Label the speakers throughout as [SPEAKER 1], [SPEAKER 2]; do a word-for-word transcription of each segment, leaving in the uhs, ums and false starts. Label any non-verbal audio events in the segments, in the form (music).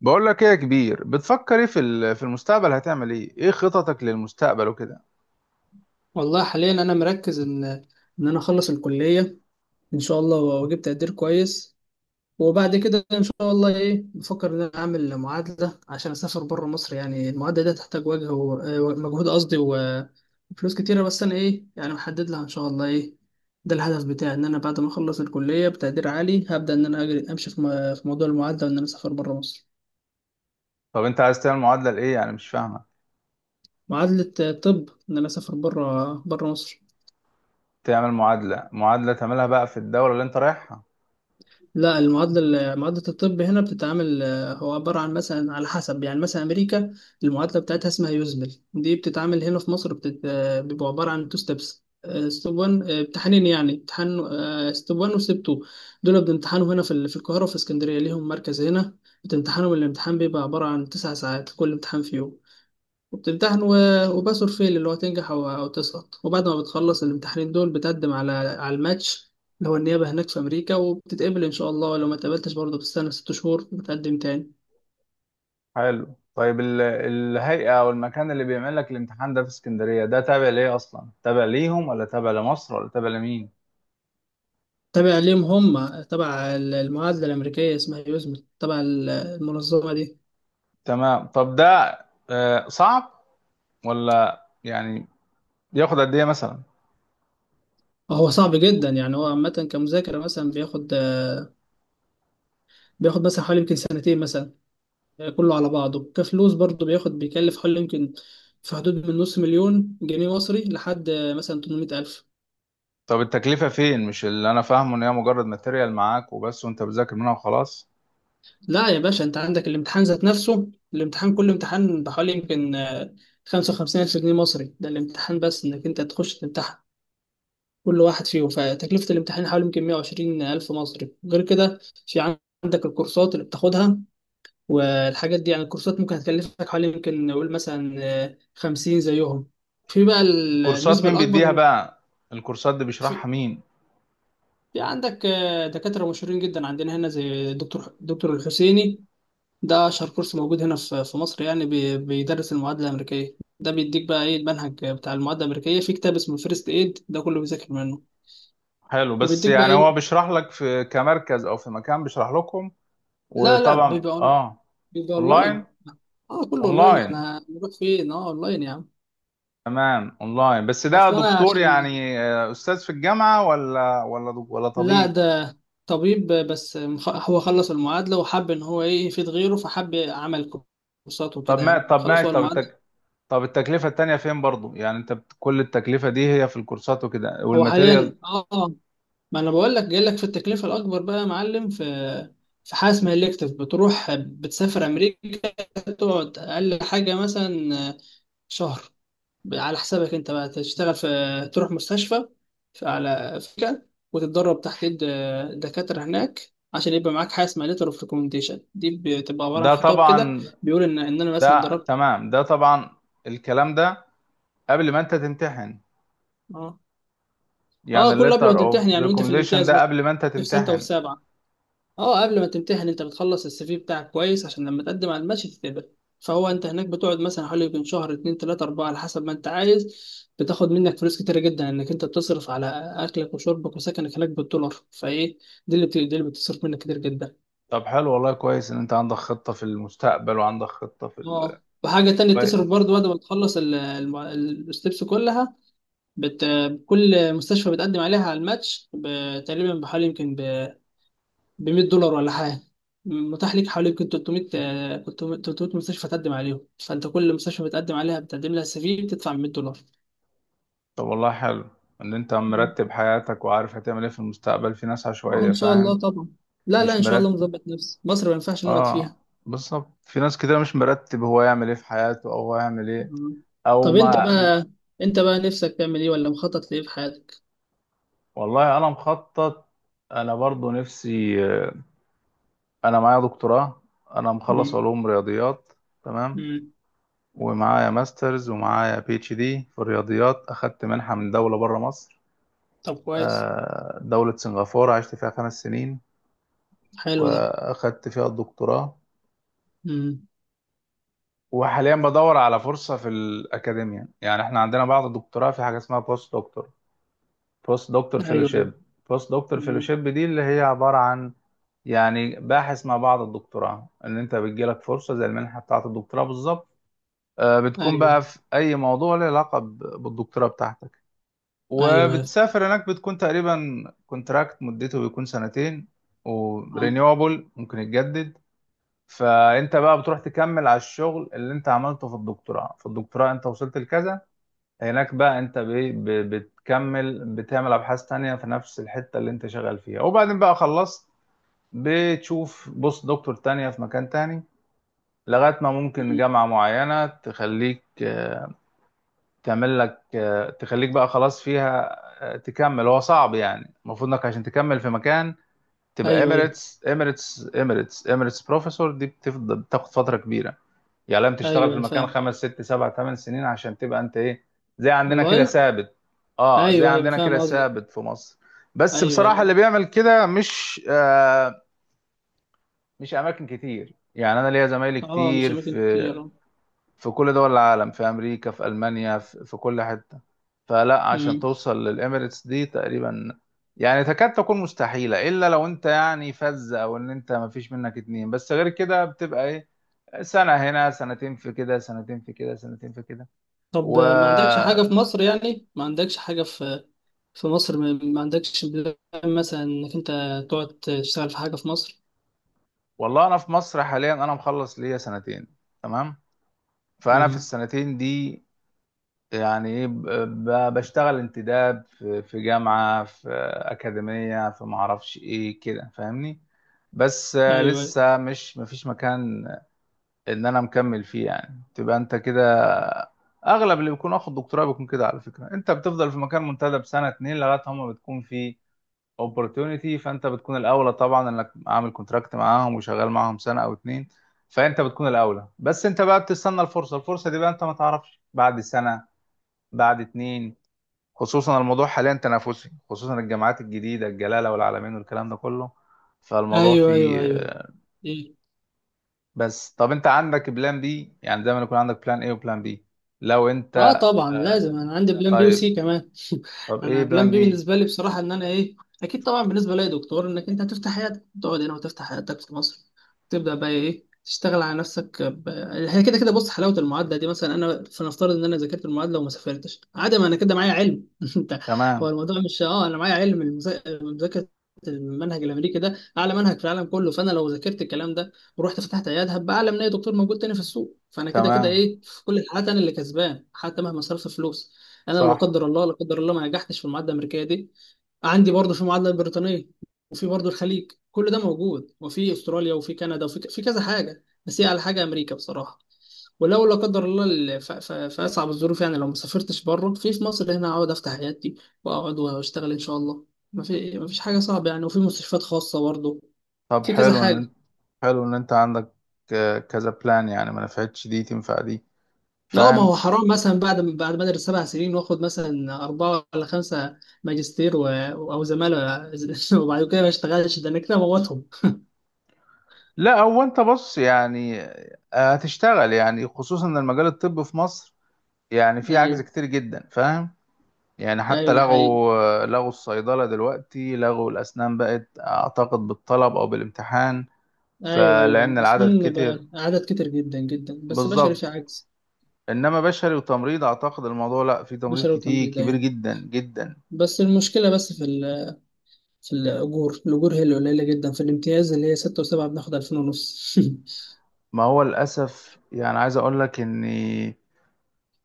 [SPEAKER 1] بقول لك ايه يا كبير، بتفكر ايه في ال- في المستقبل؟ هتعمل ايه؟ ايه خططك للمستقبل وكده؟
[SPEAKER 2] والله حاليا انا مركز ان ان انا اخلص الكليه ان شاء الله واجيب تقدير كويس. وبعد كده ان شاء الله ايه بفكر ان انا اعمل معادله عشان اسافر بره مصر. يعني المعادله دي تحتاج وجه ومجهود، قصدي و- وفلوس كتيره. بس انا ايه يعني محدد لها ان شاء الله ايه، ده الهدف بتاعي. ان انا بعد ما اخلص الكليه بتقدير عالي هبدا ان انا أجري امشي في م- في موضوع المعادله وان انا اسافر بره مصر.
[SPEAKER 1] طب انت عايز تعمل معادلة لايه؟ يعني مش فاهمة.
[SPEAKER 2] معادله آه، طب ان انا اسافر بره بره مصر.
[SPEAKER 1] تعمل معادلة، معادلة تعملها بقى في الدولة اللي انت رايحها؟
[SPEAKER 2] لا المعادلة معادلة الطب هنا بتتعامل، آه، هو عبارة عن مثلا على حسب، يعني مثلا أمريكا المعادلة بتاعتها اسمها يوزمل. دي بتتعامل هنا في مصر بتت... آه، بيبقى عبارة عن تو ستيبس. ستيب واحد امتحانين، يعني امتحان ستيب واحد وستيب اتنين. دول بنمتحنهم هنا في ال- في القاهرة وفي اسكندرية، ليهم مركز هنا. بتمتحنهم. الامتحان بيبقى عبارة عن تسع ساعات، كل امتحان فيهم. وبتمتحن و... وباس اور فيل اللي هو تنجح أو... أو تسقط. وبعد ما بتخلص الامتحانين دول بتقدم على على الماتش اللي هو النيابة هناك في أمريكا، وبتتقبل إن شاء الله. ولو ما اتقبلتش برضه بتستنى ست شهور وبتقدم تاني.
[SPEAKER 1] حلو. طيب ال- الهيئة او المكان اللي بيعمل لك الامتحان ده في اسكندرية، ده تابع ليه اصلا؟ تابع ليهم، ولا تابع لمصر، ولا تابع لمين؟
[SPEAKER 2] تابع ليهم، هم تبع ال- المعادلة الأمريكية، اسمها يوزمل، تبع ال- المنظمة دي.
[SPEAKER 1] تمام، طب ده آه، صعب ولا يعني، ياخد قد ايه مثلا؟
[SPEAKER 2] هو صعب جدا يعني. هو عامة كمذاكرة مثلا بياخد بياخد مثلا حوالي يمكن سنتين مثلا. كله على بعضه كفلوس برضه بياخد، بيكلف حوالي يمكن في حدود من نص مليون جنيه مصري لحد مثلا تمنمية الف ألف.
[SPEAKER 1] طب التكلفة فين؟ مش اللي انا فاهمه ان هي مجرد ماتيريال معاك وبس، وانت بتذاكر منها وخلاص؟
[SPEAKER 2] لا يا باشا، انت عندك الامتحان ذات نفسه. الامتحان كل امتحان بحوالي يمكن آه، 55 الف جنيه مصري. ده الامتحان بس، انك انت تخش تمتحن كل واحد فيهم. فتكلفة الامتحان حوالي يمكن 120 الف مصري. غير كده في عندك الكورسات اللي بتاخدها والحاجات دي. يعني الكورسات ممكن هتكلفك حوالي يمكن نقول مثلا آه، خمسين زيهم. في بقى ال-
[SPEAKER 1] كورسات
[SPEAKER 2] النسبة
[SPEAKER 1] مين
[SPEAKER 2] الأكبر
[SPEAKER 1] بيديها
[SPEAKER 2] من.
[SPEAKER 1] بقى؟ الكورسات دي بيشرحها
[SPEAKER 2] في
[SPEAKER 1] مين؟
[SPEAKER 2] في عندك آه، دكاترة مشهورين جدا عندنا هنا، زي دكتور دكتور الحسيني. ده أشهر كورس موجود هنا في في مصر يعني. بي- بيدرس المعادلة الأمريكية. ده بيديك بقى إيه، المنهج بتاع المعادلة الأمريكية في كتاب اسمه فيرست إيد، ده كله بيذاكر منه.
[SPEAKER 1] حلو، بس
[SPEAKER 2] وبيديك بقى
[SPEAKER 1] يعني هو
[SPEAKER 2] إيه.
[SPEAKER 1] بيشرح لك في كمركز او في مكان بيشرح لكم؟
[SPEAKER 2] لا لا،
[SPEAKER 1] وطبعا،
[SPEAKER 2] بيبقى أون-
[SPEAKER 1] اه.
[SPEAKER 2] بيبقى
[SPEAKER 1] اونلاين؟
[SPEAKER 2] أونلاين. أه كله أونلاين،
[SPEAKER 1] اونلاين.
[SPEAKER 2] إحنا نروح فين؟ أه أونلاين يا عم.
[SPEAKER 1] تمام، اونلاين، بس ده
[SPEAKER 2] أصل أنا
[SPEAKER 1] دكتور
[SPEAKER 2] عشان،
[SPEAKER 1] يعني آه، استاذ في الجامعه، ولا ولا دك- ولا
[SPEAKER 2] لا،
[SPEAKER 1] طبيب؟
[SPEAKER 2] ده طبيب، بس مخ- هو خلص المعادلة وحب إن هو إيه يفيد غيره، فحب عمل كورسات
[SPEAKER 1] طب
[SPEAKER 2] وكده
[SPEAKER 1] ما
[SPEAKER 2] يعني.
[SPEAKER 1] طب
[SPEAKER 2] خلص
[SPEAKER 1] ماشي.
[SPEAKER 2] هو
[SPEAKER 1] طب
[SPEAKER 2] المعادلة.
[SPEAKER 1] التك... طب التكلفه التانيه فين برضو؟ يعني انت بت- كل التكلفه دي هي في الكورسات وكده
[SPEAKER 2] هو
[SPEAKER 1] والماتيريال؟
[SPEAKER 2] حاليا أه ما انا بقول لك، جاي لك في التكلفه الاكبر بقى يا معلم. في في حاجه اسمها الكتف، بتروح بتسافر امريكا، تقعد اقل حاجه مثلا شهر، على حسابك انت بقى، تشتغل في، تروح مستشفى في، على فكره، وتتدرب تحت ايد دكاتره هناك، عشان يبقى معاك حاجه اسمها ليتر اوف ريكومنديشن. دي بتبقى عباره عن
[SPEAKER 1] ده
[SPEAKER 2] خطاب كده
[SPEAKER 1] طبعا.
[SPEAKER 2] بيقول ان ان انا مثلا
[SPEAKER 1] ده
[SPEAKER 2] اتدربت.
[SPEAKER 1] تمام، ده طبعا. الكلام ده قبل ما انت تمتحن؟
[SPEAKER 2] اه،
[SPEAKER 1] يعني
[SPEAKER 2] اه كله قبل
[SPEAKER 1] letter
[SPEAKER 2] ما تمتحن
[SPEAKER 1] of
[SPEAKER 2] يعني، وانت في
[SPEAKER 1] recommendation
[SPEAKER 2] الامتياز
[SPEAKER 1] ده
[SPEAKER 2] مثلا
[SPEAKER 1] قبل ما انت
[SPEAKER 2] في سته وفي
[SPEAKER 1] تمتحن؟
[SPEAKER 2] سبعه. اه قبل ما تمتحن انت بتخلص السي في بتاعك كويس عشان لما تقدم على المشي تتقبل. فهو انت هناك بتقعد مثلا حوالي يمكن شهر، اتنين، تلاتة، اربعة، على حسب ما انت عايز. بتاخد منك فلوس كتيرة جدا، انك انت بتصرف على اكلك وشربك وسكنك هناك بالدولار، فايه دي اللي بت- دي اللي بتصرف منك كتير جدا.
[SPEAKER 1] طب حلو، والله كويس ان انت عندك خطة في المستقبل، وعندك خطة في ال...
[SPEAKER 2] اه، وحاجة تانية بتصرف برضه
[SPEAKER 1] كويس.
[SPEAKER 2] بعد ما تخلص ال- الم- ال- الستبس كلها. بت... كل مستشفى بتقدم عليها على الماتش ب- تقريبا بحوالي يمكن ب مائة دولار ولا حاجه. متاح ليك حوالي يمكن ثلاثمائة آه، تلتمية تلتمية مستشفى تقدم عليهم. فانت كل مستشفى بتقدم عليها، بتقدم لها سي في، بتدفع مائة دولار.
[SPEAKER 1] طب والله حلو ان انت
[SPEAKER 2] مم.
[SPEAKER 1] مرتب حياتك، وعارف هتعمل ايه في المستقبل. في ناس
[SPEAKER 2] اه
[SPEAKER 1] عشوائية،
[SPEAKER 2] ان شاء
[SPEAKER 1] فاهم؟
[SPEAKER 2] الله طبعا. لا لا،
[SPEAKER 1] مش
[SPEAKER 2] ان شاء
[SPEAKER 1] مرتب.
[SPEAKER 2] الله مظبط نفسي، مصر ما ينفعش نقعد
[SPEAKER 1] اه،
[SPEAKER 2] فيها.
[SPEAKER 1] بالظبط، في ناس كده مش مرتب، هو يعمل ايه في حياته، او هو يعمل ايه
[SPEAKER 2] مم.
[SPEAKER 1] او
[SPEAKER 2] طب انت
[SPEAKER 1] ما
[SPEAKER 2] بقى انت بقى نفسك تعمل ايه ولا مخطط لايه في حياتك؟
[SPEAKER 1] والله انا مخطط. انا برضو نفسي. انا معايا دكتوراه. انا مخلص
[SPEAKER 2] مم.
[SPEAKER 1] علوم رياضيات. تمام.
[SPEAKER 2] مم.
[SPEAKER 1] ومعايا ماسترز، ومعايا بي اتش دي في الرياضيات. أخدت منحة من دولة بره مصر،
[SPEAKER 2] طب كويس.
[SPEAKER 1] آه، دولة سنغافورة، عشت فيها خمس سنين،
[SPEAKER 2] حلو ده.
[SPEAKER 1] وأخدت فيها الدكتوراه.
[SPEAKER 2] مم.
[SPEAKER 1] وحاليا بدور على فرصة في الأكاديمية، يعني إحنا عندنا بعد الدكتوراه في حاجة اسمها بوست دكتور. بوست دكتور
[SPEAKER 2] ايوه
[SPEAKER 1] فيلوشيب.
[SPEAKER 2] ايوه.
[SPEAKER 1] بوست دكتور
[SPEAKER 2] مم.
[SPEAKER 1] فيلوشيب دي اللي هي عبارة عن يعني باحث مع بعض الدكتوراه، إن أنت بتجيلك فرصة زي المنحة بتاعة الدكتوراه بالظبط. آه، بتكون
[SPEAKER 2] ايوه
[SPEAKER 1] بقى في أي موضوع له علاقة ب- بالدكتوراه بتاعتك.
[SPEAKER 2] ايوه يا فا-
[SPEAKER 1] وبتسافر هناك، بتكون تقريبا كونتراكت مدته بيكون سنتين.
[SPEAKER 2] اه.
[SPEAKER 1] ورينيوبل، ممكن يتجدد. فانت بقى بتروح تكمل على الشغل اللي انت عملته في الدكتوراه في الدكتوراه انت وصلت لكذا، هناك بقى انت بي- ب- بتكمل، بتعمل ابحاث تانية في نفس الحتة اللي انت شغال فيها، وبعدين بقى خلصت بتشوف بص دكتور تانية في مكان تاني، لغاية ما ممكن
[SPEAKER 2] مم.
[SPEAKER 1] جامعة معينة تخليك آه، تعمل لك، آه، تخليك بقى خلاص فيها، آه، تكمل. هو صعب، يعني المفروض انك عشان تكمل في مكان تبقى
[SPEAKER 2] ايوه ايوه
[SPEAKER 1] اميريتس اميريتس اميريتس اميريتس بروفيسور. دي بتفضل بتاخد فترة كبيرة، يعني لازم تشتغل في
[SPEAKER 2] ايوه يا
[SPEAKER 1] المكان
[SPEAKER 2] فاهم.
[SPEAKER 1] خمس ست سبع ثمان سنين عشان تبقى انت ايه، زي عندنا كده
[SPEAKER 2] والله.
[SPEAKER 1] ثابت. اه، زي
[SPEAKER 2] ايوه ايوه
[SPEAKER 1] عندنا
[SPEAKER 2] فاهم
[SPEAKER 1] كده
[SPEAKER 2] قصدك.
[SPEAKER 1] ثابت في مصر. بس
[SPEAKER 2] ايوه
[SPEAKER 1] بصراحة اللي
[SPEAKER 2] ايوه.
[SPEAKER 1] بيعمل كده مش آه مش اماكن كتير، يعني انا ليا زمايلي
[SPEAKER 2] اه مش
[SPEAKER 1] كتير
[SPEAKER 2] اماكن
[SPEAKER 1] في
[SPEAKER 2] كتير آه.
[SPEAKER 1] في كل دول العالم، في امريكا، في المانيا، في, في كل حته. فلا، عشان
[SPEAKER 2] مم.
[SPEAKER 1] توصل للاميريتس دي تقريبا، يعني تكاد تكون مستحيله، الا لو انت يعني فز، او ان انت ما فيش منك اتنين. بس غير كده بتبقى ايه، سنه هنا، سنتين في كده، سنتين في كده، سنتين في كده.
[SPEAKER 2] طب،
[SPEAKER 1] و
[SPEAKER 2] آه، ما عندكش حاجه في مصر؟ يعني ما عندكش حاجه في في مصر؟ ما ما عندكش بلان مثلا انك انت تقعد تشتغل في حاجه في مصر؟
[SPEAKER 1] والله انا في مصر حاليا انا مخلص ليا سنتين. تمام. فانا في
[SPEAKER 2] مم.
[SPEAKER 1] السنتين دي، يعني ايه، ب- ب- بشتغل انتداب في في جامعة، في أكاديمية، في معرفش ايه كده، فاهمني؟ بس آه،
[SPEAKER 2] ايوه
[SPEAKER 1] لسه مش مفيش مكان ان انا مكمل فيه. يعني تبقى انت كده، اغلب اللي بيكون واخد دكتوراه بيكون كده. على فكرة، انت بتفضل في مكان منتدب سنة اتنين لغاية هما بتكون في opportunity، فانت بتكون الاولى طبعا، انك عامل كونتراكت معاهم وشغال معاهم سنة او اتنين. فانت بتكون الاولى، بس انت بقى بتستنى الفرصة الفرصة دي بقى انت ما تعرفش بعد سنة، بعد اتنين. خصوصا الموضوع حاليا تنافسي، خصوصا الجامعات الجديدة، الجلالة والعلمين والكلام ده كله، فالموضوع
[SPEAKER 2] ايوه ايوه
[SPEAKER 1] فيه.
[SPEAKER 2] ايوه. إيه؟
[SPEAKER 1] بس طب انت عندك بلان بي؟ يعني دايما يكون عندك بلان ايه وبلان بي. لو
[SPEAKER 2] اه
[SPEAKER 1] انت.
[SPEAKER 2] طبعا، لازم انا عندي بلان بي
[SPEAKER 1] طيب.
[SPEAKER 2] وسي كمان.
[SPEAKER 1] طب
[SPEAKER 2] (laughs)
[SPEAKER 1] ايه
[SPEAKER 2] انا بلان
[SPEAKER 1] بلان
[SPEAKER 2] بي
[SPEAKER 1] بي؟
[SPEAKER 2] بالنسبه لي بصراحه، ان انا ايه، اكيد طبعا بالنسبه لي دكتور، انك انت هتفتح حياتك، تقعد هنا وتفتح حياتك في مصر، تبدا بقى ايه، تشتغل على نفسك ب... هي كده كده بص، حلاوه المعادله دي مثلا، انا فنفترض ان انا ذاكرت المعادله وما سافرتش، عادي، ما انا كده معايا علم. (laughs) انت هو
[SPEAKER 1] تمام.
[SPEAKER 2] الموضوع مش، اه انا معايا علم المذا- مذاكره. المنهج الامريكي ده اعلى منهج في العالم كله. فانا لو ذاكرت الكلام ده ورحت فتحت عيادة هبقى اعلى من اي دكتور موجود تاني في السوق. فانا كده كده
[SPEAKER 1] تمام.
[SPEAKER 2] ايه، في كل الحالات انا اللي كسبان، حتى مهما صرفت فلوس. انا لو لا
[SPEAKER 1] صح.
[SPEAKER 2] قدر الله لا قدر الله ما نجحتش في المعادله الامريكيه دي، عندي برضه في المعادله البريطانيه، وفي برضه الخليج كل ده موجود، وفي استراليا، وفي كندا، وفي ك- في كذا حاجه، بس هي على حاجه امريكا بصراحه. ولو لا قدر الله، ال- ف- ف- في اصعب الظروف يعني، لو ما سافرتش بره، في في مصر هنا اقعد افتح عيادتي واقعد واشتغل ان شاء الله. ما في ما فيش حاجه صعبه يعني. وفي مستشفيات خاصه برضه،
[SPEAKER 1] طب
[SPEAKER 2] في كذا
[SPEAKER 1] حلو ان انت.
[SPEAKER 2] حاجه.
[SPEAKER 1] حلو ان انت عندك ك- كذا بلان، يعني ما نفعتش دي تنفع دي.
[SPEAKER 2] اه، ما
[SPEAKER 1] فاهم؟
[SPEAKER 2] هو حرام مثلا بعد بعد ما ادرس سبع سنين، واخد مثلا اربعه ولا خمسه ماجستير و... او زماله، (laughs) وبعد كده ما اشتغلش؟ ده انا كده موتهم.
[SPEAKER 1] لا، هو انت بص، يعني آه، هتشتغل، يعني خصوصا ان المجال الطبي في مصر يعني فيه
[SPEAKER 2] ايوه
[SPEAKER 1] عجز كتير جدا، فاهم؟ يعني حتى
[SPEAKER 2] ايوه ده حقيقي.
[SPEAKER 1] لغوا لغوا الصيدلة دلوقتي، لغوا الأسنان، بقت أعتقد بالطلب أو بالامتحان،
[SPEAKER 2] ايوه ايوه
[SPEAKER 1] فلأن
[SPEAKER 2] ايوه،
[SPEAKER 1] العدد
[SPEAKER 2] اسنان
[SPEAKER 1] كتر.
[SPEAKER 2] بقى عدد كتير جدا جدا، بس بشري في
[SPEAKER 1] بالظبط.
[SPEAKER 2] عجز.
[SPEAKER 1] إنما بشري وتمريض، أعتقد الموضوع لأ، في تمريض
[SPEAKER 2] بشري
[SPEAKER 1] كتير
[SPEAKER 2] وتمريض
[SPEAKER 1] كبير
[SPEAKER 2] ايوه.
[SPEAKER 1] جدا جدا.
[SPEAKER 2] بس المشكله بس في ال... في الاجور الاجور هي اللي قليله جدا. في الامتياز اللي هي سته وسبعه بناخد الفين ونص. (laughs)
[SPEAKER 1] ما هو للأسف، يعني عايز أقول لك إن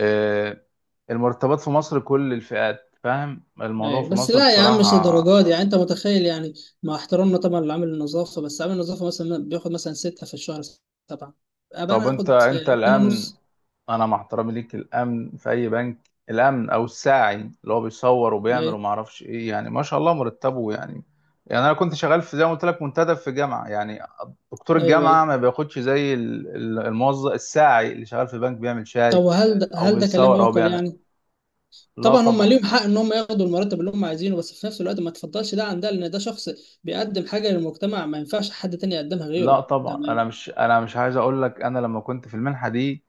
[SPEAKER 1] آه، المرتبات في مصر، كل الفئات، فاهم الموضوع
[SPEAKER 2] أيوة.
[SPEAKER 1] في
[SPEAKER 2] بس
[SPEAKER 1] مصر
[SPEAKER 2] لا يا عم مش
[SPEAKER 1] بصراحة.
[SPEAKER 2] الدرجات دي. يعني انت متخيل يعني، مع احترامنا طبعا لعامل النظافه، بس عامل النظافه مثلا بياخد مثلا سته في الشهر، سبعه، ابقى
[SPEAKER 1] طب
[SPEAKER 2] انا
[SPEAKER 1] أنت
[SPEAKER 2] اخد
[SPEAKER 1] أنت
[SPEAKER 2] آه، اتنين
[SPEAKER 1] الآن،
[SPEAKER 2] ونص.
[SPEAKER 1] انا مع احترامي ليك، الامن في اي بنك، الامن او الساعي اللي هو بيصور وبيعمل
[SPEAKER 2] ايوه
[SPEAKER 1] وما اعرفش ايه، يعني ما شاء الله مرتبه، يعني. يعني انا كنت شغال في، زي ما قلت لك، منتدب في جامعه، يعني دكتور
[SPEAKER 2] ايوه ايوه.
[SPEAKER 1] الجامعه ما بياخدش زي ال- ال- الموظف الساعي اللي شغال في بنك بيعمل
[SPEAKER 2] طب
[SPEAKER 1] شاي
[SPEAKER 2] وهل ده
[SPEAKER 1] او
[SPEAKER 2] هل ده كلام
[SPEAKER 1] بيصور او
[SPEAKER 2] يعقل
[SPEAKER 1] بيعمل.
[SPEAKER 2] يعني؟
[SPEAKER 1] لا
[SPEAKER 2] طبعا هم
[SPEAKER 1] طبعا.
[SPEAKER 2] ليهم حق ان هم ياخدوا المرتب اللي هم عايزينه، بس في نفس الوقت ما تفضلش ده عن ده، لان ده شخص بيقدم حاجه للمجتمع ما ينفعش حد تاني يقدمها غيره
[SPEAKER 1] لا
[SPEAKER 2] ده.
[SPEAKER 1] طبعا، انا مش انا مش عايز اقول لك، انا لما كنت في المنحه دي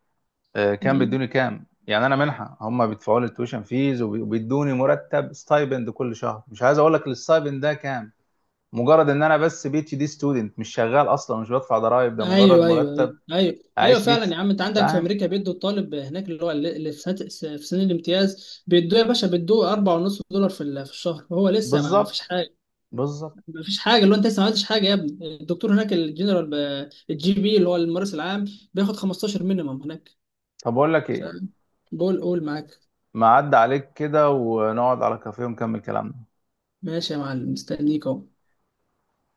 [SPEAKER 1] آه، كان بيدوني كام. يعني انا منحه، هم بيدفعوا لي التويشن فيز، وبي- وبيدوني مرتب ستايبند كل شهر. مش عايز اقول لك الستايبند ده كام. مجرد ان انا بس بي اتش دي ستودنت، مش شغال اصلا، مش بدفع ضرائب، ده مجرد
[SPEAKER 2] ايوه ايوه
[SPEAKER 1] مرتب
[SPEAKER 2] ايوه ايوه. ايوه
[SPEAKER 1] اعيش بيه
[SPEAKER 2] فعلا
[SPEAKER 1] ف-
[SPEAKER 2] يا عم، انت عندك في
[SPEAKER 1] فاهم؟
[SPEAKER 2] امريكا بيدوا الطالب هناك اللي هو، اللي اللي في سنه، في سنه الامتياز، بيدوه يا باشا، بيدوه اربعة ونص دولار في ال- في الشهر، وهو لسه ما ما فيش
[SPEAKER 1] بالظبط.
[SPEAKER 2] حاجه.
[SPEAKER 1] بالظبط.
[SPEAKER 2] ما فيش حاجه، اللي هو انت لسه ما عملتش حاجه يا ابني. الدكتور هناك الجنرال ب- الجي بي اللي هو الممارس العام بياخد خمستاشر مينيمم هناك.
[SPEAKER 1] طب اقول لك ايه،
[SPEAKER 2] بقول قول معاك.
[SPEAKER 1] ما عدى عليك كده ونقعد على كافيه ونكمل كلامنا.
[SPEAKER 2] ماشي يا معلم، مستنيك اهو.